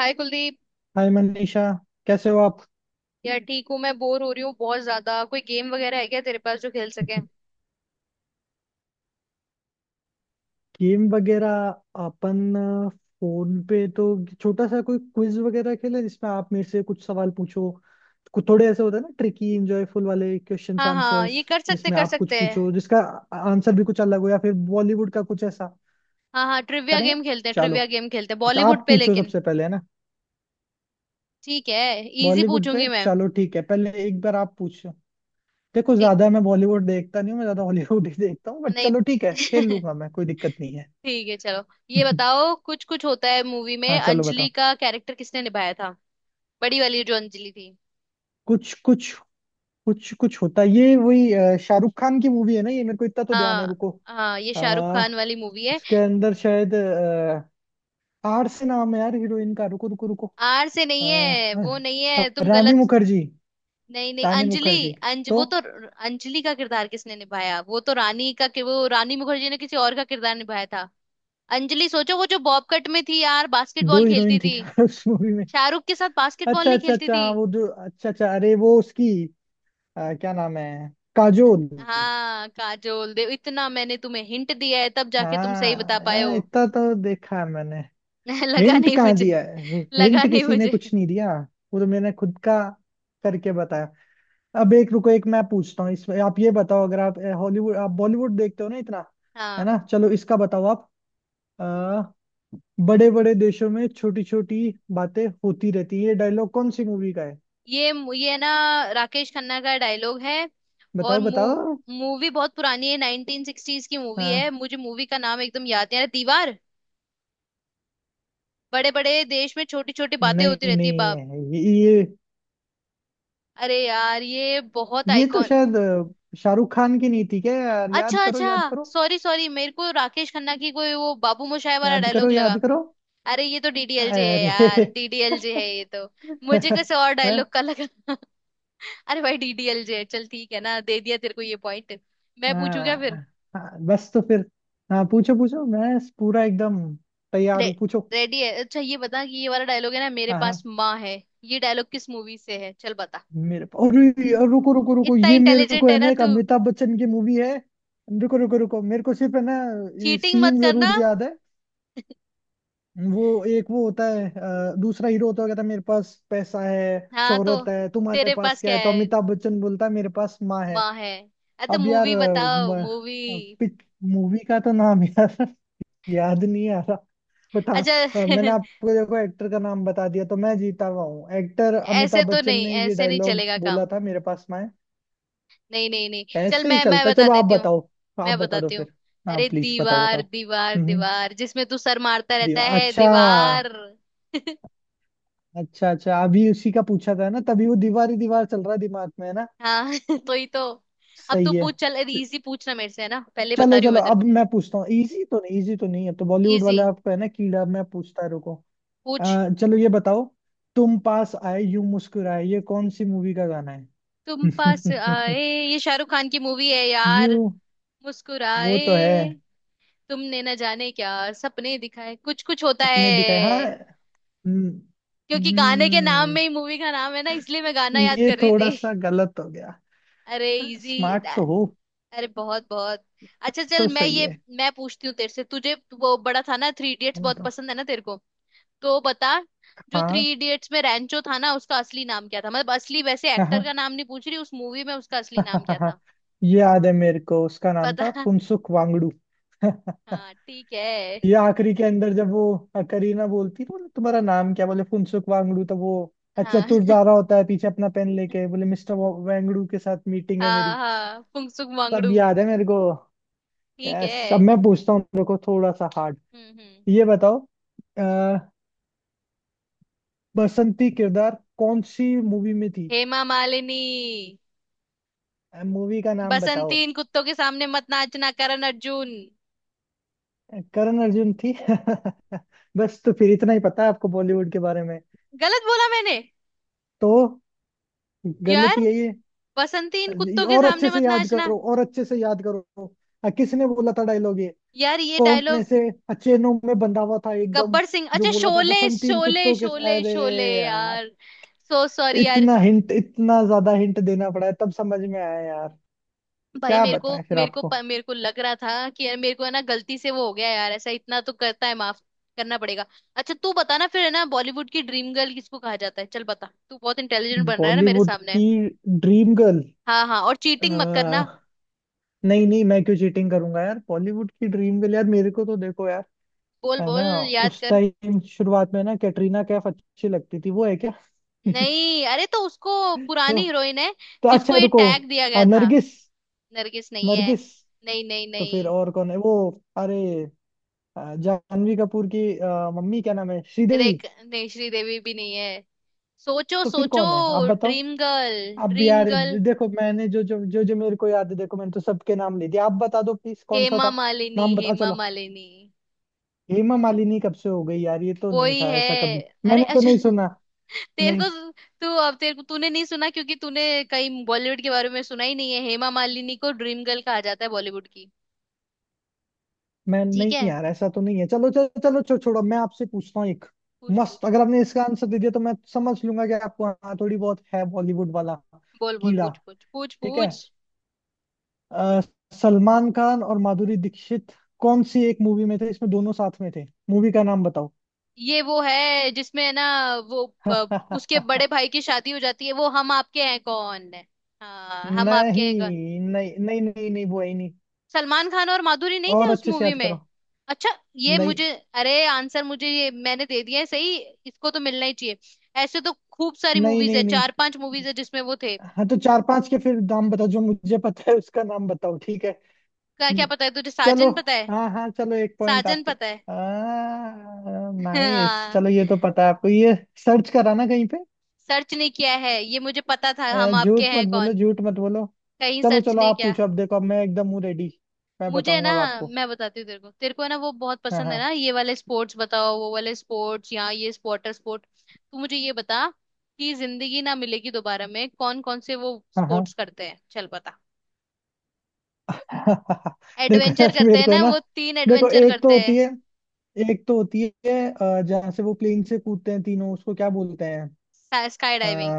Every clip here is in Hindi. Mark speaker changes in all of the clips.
Speaker 1: हाय कुलदीप।
Speaker 2: हाय मनीषा। कैसे हो आप?
Speaker 1: यार ठीक हूँ, मैं बोर हो रही हूँ बहुत ज्यादा। कोई गेम वगैरह है क्या तेरे पास जो खेल सके?
Speaker 2: गेम वगैरह? अपन फोन पे तो छोटा सा कोई क्विज वगैरह खेले, जिसमें आप मेरे से कुछ सवाल पूछो। कुछ थोड़े ऐसे होते हैं ना, ट्रिकी इंजॉयफुल वाले क्वेश्चंस
Speaker 1: हाँ हाँ,
Speaker 2: आंसर्स।
Speaker 1: ये कर सकते
Speaker 2: जिसमें
Speaker 1: कर
Speaker 2: आप कुछ
Speaker 1: सकते हैं।
Speaker 2: पूछो जिसका आंसर भी कुछ अलग हो, या फिर बॉलीवुड का कुछ ऐसा
Speaker 1: हाँ हाँ, ट्रिविया
Speaker 2: करें।
Speaker 1: गेम खेलते हैं।
Speaker 2: चलो,
Speaker 1: ट्रिविया गेम खेलते हैं
Speaker 2: तो
Speaker 1: बॉलीवुड
Speaker 2: आप
Speaker 1: पे,
Speaker 2: पूछो
Speaker 1: लेकिन
Speaker 2: सबसे पहले, है ना?
Speaker 1: ठीक है। इजी
Speaker 2: बॉलीवुड पे
Speaker 1: पूछूंगी मैं।
Speaker 2: चलो, ठीक है, पहले एक बार आप पूछो। देखो,
Speaker 1: ठीक।
Speaker 2: ज्यादा मैं बॉलीवुड देखता नहीं हूँ, मैं ज्यादा हॉलीवुड ही देखता हूँ, बट
Speaker 1: नहीं
Speaker 2: चलो ठीक है, खेल लूंगा मैं, कोई दिक्कत नहीं
Speaker 1: ठीक है, चलो।
Speaker 2: है।
Speaker 1: ये बताओ, कुछ कुछ होता है मूवी में
Speaker 2: हाँ चलो
Speaker 1: अंजलि
Speaker 2: बताओ।
Speaker 1: का कैरेक्टर किसने निभाया था? बड़ी वाली जो अंजलि थी।
Speaker 2: कुछ कुछ कुछ कुछ होता है। ये वही शाहरुख खान की मूवी है ना ये, मेरे को इतना तो ध्यान है,
Speaker 1: हाँ
Speaker 2: रुको।
Speaker 1: हाँ, ये शाहरुख
Speaker 2: आ,
Speaker 1: खान वाली मूवी है।
Speaker 2: उसके अंदर शायद आर से नाम है यार हीरोइन का। रुको रुको रुको।
Speaker 1: आर से
Speaker 2: अ,
Speaker 1: नहीं है, वो नहीं है, तुम
Speaker 2: रानी
Speaker 1: गलत।
Speaker 2: मुखर्जी।
Speaker 1: नहीं नहीं,
Speaker 2: रानी
Speaker 1: अंजलि।
Speaker 2: मुखर्जी
Speaker 1: अंज
Speaker 2: तो।
Speaker 1: वो तो अंजलि का किरदार किसने निभाया, वो तो रानी का, कि वो रानी मुखर्जी ने किसी और का किरदार निभाया था। अंजलि सोचो, वो जो बॉब कट में थी यार,
Speaker 2: दो
Speaker 1: बास्केटबॉल खेलती
Speaker 2: हीरोइन थी
Speaker 1: थी।
Speaker 2: क्या उस मूवी में?
Speaker 1: शाहरुख के साथ बास्केटबॉल
Speaker 2: अच्छा
Speaker 1: नहीं
Speaker 2: अच्छा
Speaker 1: खेलती
Speaker 2: अच्छा,
Speaker 1: थी?
Speaker 2: हाँ वो जो, अच्छा अच्छा, अरे वो उसकी क्या नाम है, काजोल।
Speaker 1: हाँ, काजोल देव। इतना मैंने तुम्हें हिंट दिया है तब जाके तुम सही बता
Speaker 2: हाँ
Speaker 1: पाए
Speaker 2: यार
Speaker 1: हो।
Speaker 2: इतना तो देखा है मैंने।
Speaker 1: लगा
Speaker 2: हिंट
Speaker 1: नहीं
Speaker 2: कहाँ
Speaker 1: मुझे।
Speaker 2: दिया है?
Speaker 1: लगा
Speaker 2: हिंट
Speaker 1: नहीं
Speaker 2: किसी ने
Speaker 1: मुझे।
Speaker 2: कुछ नहीं दिया, वो तो मैंने खुद का करके बताया। अब एक रुको, एक मैं पूछता हूँ इसमें, आप ये बताओ, अगर आप हॉलीवुड, आप बॉलीवुड देखते हो ना इतना, है
Speaker 1: हाँ,
Speaker 2: ना? चलो इसका बताओ आप। आ, बड़े बड़े देशों में छोटी छोटी बातें होती रहती है, ये डायलॉग कौन सी मूवी का है?
Speaker 1: ये ये ना राकेश खन्ना का डायलॉग है। और
Speaker 2: बताओ बताओ।
Speaker 1: मूवी बहुत पुरानी है, 1960s की मूवी है।
Speaker 2: हाँ।
Speaker 1: मुझे मूवी का नाम एकदम याद नहीं आ रहा, दीवार। बड़े बड़े देश में छोटी छोटी बातें होती
Speaker 2: नहीं
Speaker 1: रहती है,
Speaker 2: नहीं
Speaker 1: बाप।
Speaker 2: है ये,
Speaker 1: अरे यार, ये बहुत
Speaker 2: ये तो
Speaker 1: आइकॉन।
Speaker 2: शायद शाहरुख खान की नहीं थी क्या यार? याद
Speaker 1: अच्छा
Speaker 2: करो
Speaker 1: अच्छा,
Speaker 2: याद करो।
Speaker 1: सॉरी सॉरी, मेरे को राकेश खन्ना की कोई वो बाबू मोशाय वाला
Speaker 2: याद करो
Speaker 1: डायलॉग लगा।
Speaker 2: याद करो।
Speaker 1: अरे ये तो डीडीएलजे है यार,
Speaker 2: अरे
Speaker 1: डीडीएलजे है ये तो। मुझे किसी और डायलॉग
Speaker 2: है?
Speaker 1: का लगा अरे भाई, डीडीएलजे है। चल ठीक है ना, दे दिया तेरे को ये पॉइंट। मैं पूछू क्या फिर?
Speaker 2: हाँ। हाँ, बस तो फिर। हाँ पूछो पूछो, मैं पूरा एकदम तैयार
Speaker 1: रे,
Speaker 2: हूँ, पूछो।
Speaker 1: रेडी है। अच्छा ये बता कि ये वाला डायलॉग है ना, मेरे
Speaker 2: हाँ
Speaker 1: पास
Speaker 2: हाँ।
Speaker 1: माँ है, ये डायलॉग किस मूवी से है, चल बता।
Speaker 2: मेरे, अरे यार, रुको रुको रुको,
Speaker 1: इतना
Speaker 2: ये मेरे
Speaker 1: इंटेलिजेंट
Speaker 2: को है
Speaker 1: है ना
Speaker 2: ना, एक
Speaker 1: तू।
Speaker 2: अमिताभ बच्चन की मूवी है। रुको रुको रुको, मेरे को सिर्फ है ना ये
Speaker 1: चीटिंग मत
Speaker 2: सीन
Speaker 1: करना।
Speaker 2: जरूर याद है। वो एक वो होता है दूसरा हीरो होता है, कहता है मेरे पास पैसा है,
Speaker 1: हाँ तो,
Speaker 2: शोहरत है, तुम्हारे
Speaker 1: तेरे
Speaker 2: पास
Speaker 1: पास
Speaker 2: क्या
Speaker 1: क्या
Speaker 2: है? तो
Speaker 1: है?
Speaker 2: अमिताभ बच्चन बोलता है, मेरे पास माँ है।
Speaker 1: माँ है। अरे तो
Speaker 2: अब यार
Speaker 1: मूवी बताओ, मूवी।
Speaker 2: मूवी का तो नाम यार याद नहीं आ। बट हाँ,
Speaker 1: अच्छा
Speaker 2: मैंने आपको देखो एक्टर का नाम बता दिया, तो मैं जीता हुआ हूँ। एक्टर
Speaker 1: ऐसे
Speaker 2: अमिताभ
Speaker 1: तो
Speaker 2: बच्चन
Speaker 1: नहीं,
Speaker 2: ने ये
Speaker 1: ऐसे नहीं
Speaker 2: डायलॉग
Speaker 1: चलेगा काम।
Speaker 2: बोला था, मेरे पास में।
Speaker 1: नहीं नहीं नहीं, चल
Speaker 2: ऐसे ही
Speaker 1: मैं
Speaker 2: चलता है।
Speaker 1: बता
Speaker 2: चलो आप
Speaker 1: देती हूँ।
Speaker 2: बताओ, आप
Speaker 1: मैं
Speaker 2: बता दो
Speaker 1: बताती हूँ।
Speaker 2: फिर। हाँ
Speaker 1: अरे
Speaker 2: प्लीज बताओ
Speaker 1: दीवार
Speaker 2: बताओ।
Speaker 1: दीवार
Speaker 2: हम्म,
Speaker 1: दीवार, जिसमें तू सर मारता रहता
Speaker 2: दीवार,
Speaker 1: है,
Speaker 2: अच्छा।
Speaker 1: दीवार।
Speaker 2: अच्छा अच्छा, अभी उसी का पूछा था ना, तभी वो दीवार ही दीवार चल रहा है दिमाग में, है ना।
Speaker 1: हाँ तो ही तो। अब तू
Speaker 2: सही है।
Speaker 1: पूछ, चल
Speaker 2: च-
Speaker 1: इजी पूछना मेरे से है ना, पहले बता
Speaker 2: चलो
Speaker 1: रही हूँ
Speaker 2: चलो,
Speaker 1: मैं तेरे
Speaker 2: अब
Speaker 1: को।
Speaker 2: मैं पूछता हूँ। इजी तो नहीं, इजी तो नहीं है, तो बॉलीवुड
Speaker 1: इजी
Speaker 2: वाला आपको है ना कीड़ा, मैं पूछता, रुको।
Speaker 1: पूछ।
Speaker 2: चलो ये बताओ, तुम पास आए यूं मुस्कुराए, ये कौन सी मूवी का गाना है?
Speaker 1: तुम पास आए, ये शाहरुख खान की मूवी है
Speaker 2: यू,
Speaker 1: यार।
Speaker 2: वो
Speaker 1: मुस्कुराए,
Speaker 2: तो है।
Speaker 1: तुमने न जाने क्या सपने दिखाए, कुछ कुछ होता
Speaker 2: अपने दिखाए हाँ।
Speaker 1: है।
Speaker 2: हम्म।
Speaker 1: क्योंकि गाने के नाम
Speaker 2: हम्म,
Speaker 1: में ही मूवी का नाम है ना, इसलिए मैं गाना याद
Speaker 2: ये
Speaker 1: कर रही
Speaker 2: थोड़ा
Speaker 1: थी।
Speaker 2: सा गलत हो गया।
Speaker 1: अरे इजी।
Speaker 2: स्मार्ट तो हो,
Speaker 1: अरे बहुत बहुत। अच्छा चल,
Speaker 2: तो सही है।
Speaker 1: मैं पूछती हूँ तेरे से, तुझे वो बड़ा था ना 3 इडियट्स बहुत
Speaker 2: मतलब,
Speaker 1: पसंद है ना तेरे को, तो बता। जो
Speaker 2: हाँ
Speaker 1: 3 इडियट्स में रैंचो था ना, उसका असली नाम क्या था? मतलब असली, वैसे एक्टर
Speaker 2: हाँ।
Speaker 1: का नाम नहीं पूछ रही, उस मूवी में उसका असली नाम क्या था?
Speaker 2: ये याद है मेरे को, उसका नाम
Speaker 1: पता।
Speaker 2: था फुनसुक वांगडू।
Speaker 1: हाँ ठीक है।
Speaker 2: ये आखिरी के अंदर जब वो करीना बोलती, तो बोले तुम्हारा नाम क्या, बोले फुनसुक वांगडू, तो वो अच्छा
Speaker 1: हाँ
Speaker 2: तुर जा रहा होता है पीछे, अपना पेन लेके बोले, मिस्टर वांगडू के साथ मीटिंग है
Speaker 1: हाँ
Speaker 2: मेरी।
Speaker 1: हाँ, फुंसुक
Speaker 2: सब
Speaker 1: वांगडू।
Speaker 2: याद है मेरे को।
Speaker 1: ठीक
Speaker 2: यस, अब
Speaker 1: है।
Speaker 2: मैं पूछता हूँ, देखो थोड़ा सा हार्ड।
Speaker 1: हम्म।
Speaker 2: ये बताओ, अ, बसंती किरदार कौन सी मूवी में थी?
Speaker 1: हेमा मालिनी।
Speaker 2: मूवी का नाम बताओ।
Speaker 1: बसंती इन कुत्तों के सामने मत नाचना, करण अर्जुन।
Speaker 2: करण अर्जुन थी? बस तो फिर इतना ही पता है आपको बॉलीवुड के बारे में।
Speaker 1: गलत बोला मैंने?
Speaker 2: तो गलत,
Speaker 1: यार,
Speaker 2: यही है
Speaker 1: बसंती इन
Speaker 2: ये।
Speaker 1: कुत्तों के
Speaker 2: और अच्छे
Speaker 1: सामने
Speaker 2: से
Speaker 1: मत
Speaker 2: याद
Speaker 1: नाचना।
Speaker 2: करो, और अच्छे से याद करो। किसने बोला था डायलॉग ये?
Speaker 1: यार ये
Speaker 2: कौन
Speaker 1: डायलॉग,
Speaker 2: ऐसे अचेनों में बंधा हुआ था एकदम,
Speaker 1: गब्बर सिंह।
Speaker 2: जो
Speaker 1: अच्छा,
Speaker 2: बोल रहा था
Speaker 1: शोले
Speaker 2: बसंती इन
Speaker 1: शोले
Speaker 2: कुत्तों के?
Speaker 1: शोले
Speaker 2: अरे
Speaker 1: शोले
Speaker 2: यार,
Speaker 1: यार। सो सॉरी यार।
Speaker 2: इतना हिंट, इतना ज्यादा हिंट देना पड़ा है तब समझ में आया यार।
Speaker 1: भाई,
Speaker 2: क्या
Speaker 1: मेरे को
Speaker 2: बताएं फिर
Speaker 1: मेरे को
Speaker 2: आपको।
Speaker 1: प- मेरे को लग रहा था कि यार, मेरे को है ना गलती से वो हो गया यार, ऐसा इतना तो करता है, माफ करना पड़ेगा। अच्छा तू बता ना फिर, है ना, बॉलीवुड की ड्रीम गर्ल किसको कहा जाता है? चल बता, तू बहुत इंटेलिजेंट बन रहा है ना मेरे
Speaker 2: बॉलीवुड
Speaker 1: सामने।
Speaker 2: की ड्रीम गर्ल।
Speaker 1: हाँ हाँ, और चीटिंग मत करना।
Speaker 2: नहीं नहीं, मैं क्यों चीटिंग करूंगा यार। बॉलीवुड की ड्रीम गर्ल, यार मेरे को तो देखो यार,
Speaker 1: बोल
Speaker 2: है
Speaker 1: बोल,
Speaker 2: ना,
Speaker 1: याद
Speaker 2: उस
Speaker 1: कर।
Speaker 2: टाइम शुरुआत में ना कैटरीना कैफ अच्छी लगती थी, वो है क्या?
Speaker 1: नहीं, अरे तो उसको पुरानी
Speaker 2: तो,
Speaker 1: हीरोइन है,
Speaker 2: तो
Speaker 1: जिसको
Speaker 2: अच्छा
Speaker 1: ये
Speaker 2: रुको।
Speaker 1: टैग दिया गया
Speaker 2: हाँ,
Speaker 1: था।
Speaker 2: नरगिस।
Speaker 1: नरगिस नहीं है।
Speaker 2: नरगिस।
Speaker 1: नहीं नहीं
Speaker 2: तो फिर
Speaker 1: नहीं।
Speaker 2: और कौन है वो? अरे जानवी कपूर की मम्मी क्या नाम है, श्रीदेवी।
Speaker 1: देख नहीं, श्रीदेवी भी नहीं है। सोचो
Speaker 2: तो फिर
Speaker 1: सोचो,
Speaker 2: कौन है, आप बताओ।
Speaker 1: ड्रीम गर्ल
Speaker 2: अब
Speaker 1: ड्रीम
Speaker 2: यार
Speaker 1: गर्ल।
Speaker 2: देखो, मैंने जो जो जो जो मेरे को याद है, देखो मैंने तो सबके नाम ले दिए, आप बता दो प्लीज, कौन सा
Speaker 1: हेमा
Speaker 2: था
Speaker 1: मालिनी,
Speaker 2: नाम, बता
Speaker 1: हेमा
Speaker 2: चलो।
Speaker 1: मालिनी।
Speaker 2: हेमा मालिनी कब से हो गई यार? ये तो
Speaker 1: वो
Speaker 2: नहीं
Speaker 1: ही
Speaker 2: था
Speaker 1: है।
Speaker 2: ऐसा कभी,
Speaker 1: अरे
Speaker 2: मैंने तो
Speaker 1: अच्छा
Speaker 2: नहीं सुना।
Speaker 1: तेरे
Speaker 2: नहीं।
Speaker 1: को, तू अब तेरे को, तूने नहीं सुना क्योंकि तूने कहीं बॉलीवुड के बारे में सुना ही नहीं है। हेमा मालिनी को ड्रीम गर्ल कहा जाता है बॉलीवुड की।
Speaker 2: मैं
Speaker 1: ठीक
Speaker 2: नहीं
Speaker 1: है।
Speaker 2: यार, ऐसा तो नहीं है। चलो चलो चलो, छोड़ो, मैं आपसे पूछता हूँ एक
Speaker 1: पूछ
Speaker 2: मस्त।
Speaker 1: पूछ।
Speaker 2: अगर आपने इसका आंसर दे दिया, तो मैं समझ लूंगा कि आपको हाँ थोड़ी बहुत है बॉलीवुड वाला
Speaker 1: बोल बोल,
Speaker 2: कीड़ा।
Speaker 1: पूछ पूछ पूछ
Speaker 2: ठीक है,
Speaker 1: पूछ।
Speaker 2: अ, सलमान खान और माधुरी दीक्षित कौन सी एक मूवी में थे, इसमें दोनों साथ में थे? मूवी का नाम बताओ।
Speaker 1: ये वो है जिसमें है ना, वो उसके बड़े भाई की शादी हो जाती है, वो हम आपके हैं कौन है। हाँ, हम आपके हैं।
Speaker 2: नहीं नहीं नहीं नहीं नहीं, वो है ही नहीं।
Speaker 1: सलमान खान और माधुरी नहीं थे
Speaker 2: और
Speaker 1: उस
Speaker 2: अच्छे से
Speaker 1: मूवी
Speaker 2: याद
Speaker 1: में?
Speaker 2: करो।
Speaker 1: अच्छा। ये
Speaker 2: नहीं।
Speaker 1: मुझे, अरे आंसर मुझे ये मैंने दे दिया है सही, इसको तो मिलना ही चाहिए। ऐसे तो खूब सारी
Speaker 2: नहीं
Speaker 1: मूवीज है,
Speaker 2: नहीं नहीं।
Speaker 1: चार पांच मूवीज है जिसमें वो थे।
Speaker 2: हाँ तो चार पांच के फिर नाम बताओ, जो मुझे पता है उसका नाम बताओ, ठीक है?
Speaker 1: क्या क्या
Speaker 2: हम्म,
Speaker 1: पता है तुझे?
Speaker 2: चलो।
Speaker 1: साजन पता है?
Speaker 2: हाँ हाँ चलो, एक पॉइंट
Speaker 1: साजन
Speaker 2: आपको।
Speaker 1: पता है।
Speaker 2: नाइस,
Speaker 1: हाँ।
Speaker 2: चलो ये तो पता है आपको ये, सर्च करा ना कहीं पे?
Speaker 1: सर्च नहीं किया है, ये मुझे पता था, हम आपके
Speaker 2: झूठ मत
Speaker 1: हैं
Speaker 2: बोलो,
Speaker 1: कौन।
Speaker 2: झूठ मत बोलो।
Speaker 1: कहीं
Speaker 2: चलो
Speaker 1: सर्च
Speaker 2: चलो,
Speaker 1: नहीं
Speaker 2: आप
Speaker 1: किया।
Speaker 2: पूछो अब, देखो अब मैं एकदम हूँ रेडी। मैं
Speaker 1: मुझे ना,
Speaker 2: बताऊंगा अब आपको।
Speaker 1: मैं बताती हूँ तेरे को, तेरे को है ना वो बहुत
Speaker 2: हाँ
Speaker 1: पसंद
Speaker 2: हाँ।
Speaker 1: है ना ये वाले स्पोर्ट्स बताओ, वो वाले स्पोर्ट्स या ये वाटर स्पोर्ट। तू मुझे ये बता कि जिंदगी ना मिलेगी दोबारा में कौन कौन से वो
Speaker 2: हाँ हाँ।
Speaker 1: स्पोर्ट्स करते हैं, चल बता।
Speaker 2: देखो
Speaker 1: एडवेंचर
Speaker 2: यार
Speaker 1: करते
Speaker 2: मेरे
Speaker 1: हैं
Speaker 2: को है
Speaker 1: ना
Speaker 2: ना,
Speaker 1: वो, तीन
Speaker 2: देखो
Speaker 1: एडवेंचर
Speaker 2: एक तो
Speaker 1: करते
Speaker 2: होती है, एक तो होती है जहाँ से वो प्लेन से कूदते हैं तीनों, उसको क्या बोलते हैं?
Speaker 1: हैं। Sky diving.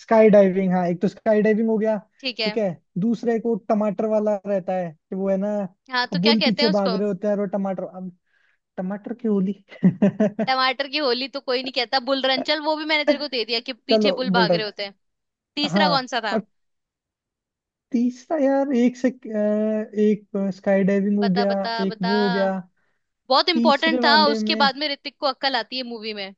Speaker 2: स्काई डाइविंग, हाँ। एक तो स्काई डाइविंग हो गया,
Speaker 1: ठीक
Speaker 2: ठीक
Speaker 1: है।
Speaker 2: है। दूसरा एक वो टमाटर वाला रहता है, कि वो है ना,
Speaker 1: हाँ तो क्या
Speaker 2: बुल
Speaker 1: कहते
Speaker 2: पीछे
Speaker 1: हैं उसको?
Speaker 2: भाग रहे होते हैं, और वो टमाटर, अब, टमाटर की होली।
Speaker 1: टमाटर की होली तो कोई नहीं कहता, बुल रन। चल वो भी मैंने तेरे को दे दिया, कि पीछे
Speaker 2: चलो,
Speaker 1: बुल
Speaker 2: बोल
Speaker 1: भाग रहे होते हैं।
Speaker 2: रहा।
Speaker 1: तीसरा
Speaker 2: हाँ
Speaker 1: कौन सा था?
Speaker 2: और, तीसरा यार एक से एक, स्काई डाइविंग हो
Speaker 1: बता
Speaker 2: गया,
Speaker 1: बता
Speaker 2: एक
Speaker 1: बता,
Speaker 2: वो हो गया।
Speaker 1: बहुत
Speaker 2: तीसरे
Speaker 1: इंपॉर्टेंट था,
Speaker 2: वाले
Speaker 1: उसके
Speaker 2: में,
Speaker 1: बाद में ऋतिक को अक्कल आती है मूवी में।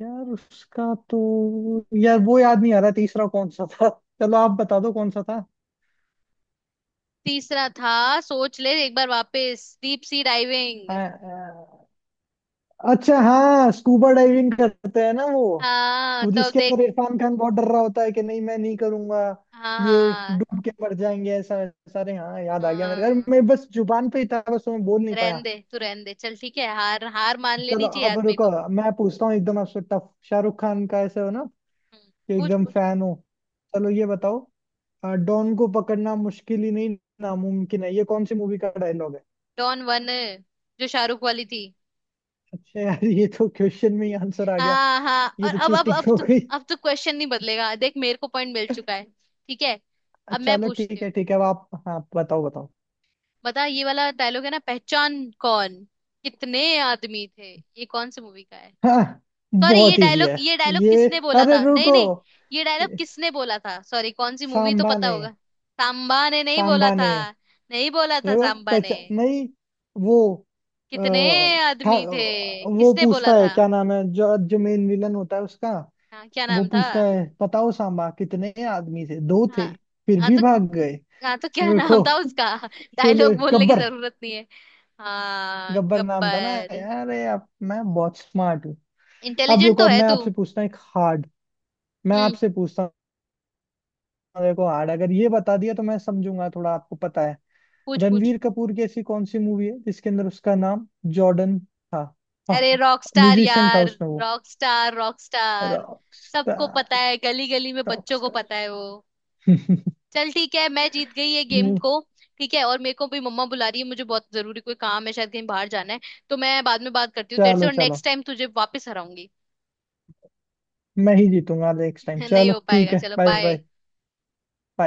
Speaker 2: यार उसका तो, यार वो याद नहीं आ रहा, तीसरा कौन सा था? चलो आप बता दो कौन सा था।
Speaker 1: तीसरा था, सोच ले एक बार वापस, डीप सी डाइविंग।
Speaker 2: अ- अच्छा हाँ, स्कूबा डाइविंग करते हैं ना वो
Speaker 1: हाँ
Speaker 2: वो
Speaker 1: तो अब
Speaker 2: जिसके अंदर
Speaker 1: देख।
Speaker 2: इरफान खान बहुत डर रहा होता है कि नहीं मैं नहीं करूंगा,
Speaker 1: हाँ
Speaker 2: ये
Speaker 1: हाँ
Speaker 2: डूब के मर जाएंगे ऐसा सारे। हाँ याद आ गया मेरे
Speaker 1: हाँ,
Speaker 2: को। मैं बस जुबान पे ही था, बस मैं बोल नहीं
Speaker 1: रहन
Speaker 2: पाया।
Speaker 1: दे तू, रहन दे। चल ठीक है, हार हार मान
Speaker 2: चलो,
Speaker 1: लेनी चाहिए
Speaker 2: अब
Speaker 1: आदमी
Speaker 2: रुको,
Speaker 1: को।
Speaker 2: मैं पूछता हूँ एकदम आपसे टफ। शाहरुख खान का ऐसे हो ना,
Speaker 1: हम्म,
Speaker 2: कि
Speaker 1: पूछ
Speaker 2: एकदम
Speaker 1: पूछ।
Speaker 2: फैन हो। चलो ये बताओ, डॉन को पकड़ना मुश्किल ही नहीं, नामुमकिन है, ये कौन सी मूवी का डायलॉग है?
Speaker 1: डॉन वन, जो शाहरुख वाली थी।
Speaker 2: अच्छा यार, ये तो क्वेश्चन में ही आंसर आ गया।
Speaker 1: हाँ हाँ,
Speaker 2: ये
Speaker 1: और
Speaker 2: तो
Speaker 1: अब अब
Speaker 2: चीटिंग
Speaker 1: अब
Speaker 2: हो
Speaker 1: तो,
Speaker 2: गई।
Speaker 1: अब तो क्वेश्चन नहीं बदलेगा, देख मेरे को पॉइंट मिल चुका है। ठीक है, अब मैं
Speaker 2: चलो
Speaker 1: पूछती
Speaker 2: ठीक
Speaker 1: हूँ।
Speaker 2: है ठीक है, अब आप हाँ बताओ बताओ।
Speaker 1: बता, ये वाला डायलॉग है ना, पहचान कौन, कितने आदमी थे, ये कौन सी मूवी का है?
Speaker 2: हाँ,
Speaker 1: सॉरी, ये
Speaker 2: बहुत इजी
Speaker 1: डायलॉग
Speaker 2: है
Speaker 1: ये डायलॉग
Speaker 2: ये,
Speaker 1: किसने बोला
Speaker 2: अरे
Speaker 1: था? नहीं
Speaker 2: रुको,
Speaker 1: नहीं, ये डायलॉग किसने बोला था सॉरी, कौन सी मूवी तो
Speaker 2: सांबा
Speaker 1: पता
Speaker 2: ने,
Speaker 1: होगा। सांबा ने नहीं बोला
Speaker 2: सांबा
Speaker 1: था,
Speaker 2: ने,
Speaker 1: नहीं बोला था
Speaker 2: रुको,
Speaker 1: सांबा ने,
Speaker 2: पहचान नहीं, वो, अ,
Speaker 1: कितने
Speaker 2: था,
Speaker 1: आदमी थे,
Speaker 2: वो
Speaker 1: किसने बोला
Speaker 2: पूछता है
Speaker 1: था?
Speaker 2: क्या नाम है, जो जो मेन विलन होता है उसका,
Speaker 1: हाँ क्या
Speaker 2: वो
Speaker 1: नाम था?
Speaker 2: पूछता है बताओ सांबा कितने आदमी थे, दो थे,
Speaker 1: हाँ,
Speaker 2: फिर
Speaker 1: हाँ
Speaker 2: भी
Speaker 1: तो
Speaker 2: भाग गए,
Speaker 1: हाँ तो क्या नाम
Speaker 2: रुको,
Speaker 1: था उसका?
Speaker 2: शोले,
Speaker 1: डायलॉग बोलने की
Speaker 2: गब्बर।
Speaker 1: जरूरत नहीं है। हाँ
Speaker 2: गब्बर नाम था ना?
Speaker 1: गब्बर।
Speaker 2: अरे अब मैं बहुत स्मार्ट हूँ। अब
Speaker 1: इंटेलिजेंट
Speaker 2: रुको,
Speaker 1: तो
Speaker 2: अब
Speaker 1: है
Speaker 2: मैं
Speaker 1: तू।
Speaker 2: आपसे पूछता हूँ एक hard, मैं
Speaker 1: हम्म,
Speaker 2: आपसे पूछता हूँ, देखो हार्ड, अगर ये बता दिया तो मैं समझूंगा थोड़ा आपको पता है।
Speaker 1: पूछ पूछ।
Speaker 2: रणवीर कपूर की ऐसी कौन सी मूवी है जिसके अंदर उसका नाम जॉर्डन था? हाँ,
Speaker 1: अरे रॉकस्टार
Speaker 2: म्यूजिशियन था
Speaker 1: यार।
Speaker 2: उसमें वो।
Speaker 1: रॉकस्टार। रॉकस्टार। सबको पता
Speaker 2: रॉकस्टार,
Speaker 1: है गली गली में, बच्चों को
Speaker 2: रॉकस्टार।
Speaker 1: पता है वो। चल ठीक है, मैं जीत गई ये गेम को। ठीक है, और मेरे को भी मम्मा बुला रही है, मुझे बहुत जरूरी कोई काम है शायद, कहीं बाहर जाना है। तो मैं बाद में बात करती हूँ तेरे से,
Speaker 2: चलो
Speaker 1: और
Speaker 2: चलो,
Speaker 1: नेक्स्ट टाइम तुझे वापस हराऊंगी।
Speaker 2: मैं ही जीतूंगा नेक्स्ट टाइम,
Speaker 1: नहीं
Speaker 2: चलो
Speaker 1: हो
Speaker 2: ठीक
Speaker 1: पाएगा,
Speaker 2: है,
Speaker 1: चलो
Speaker 2: बाय।
Speaker 1: बाय।
Speaker 2: बाय।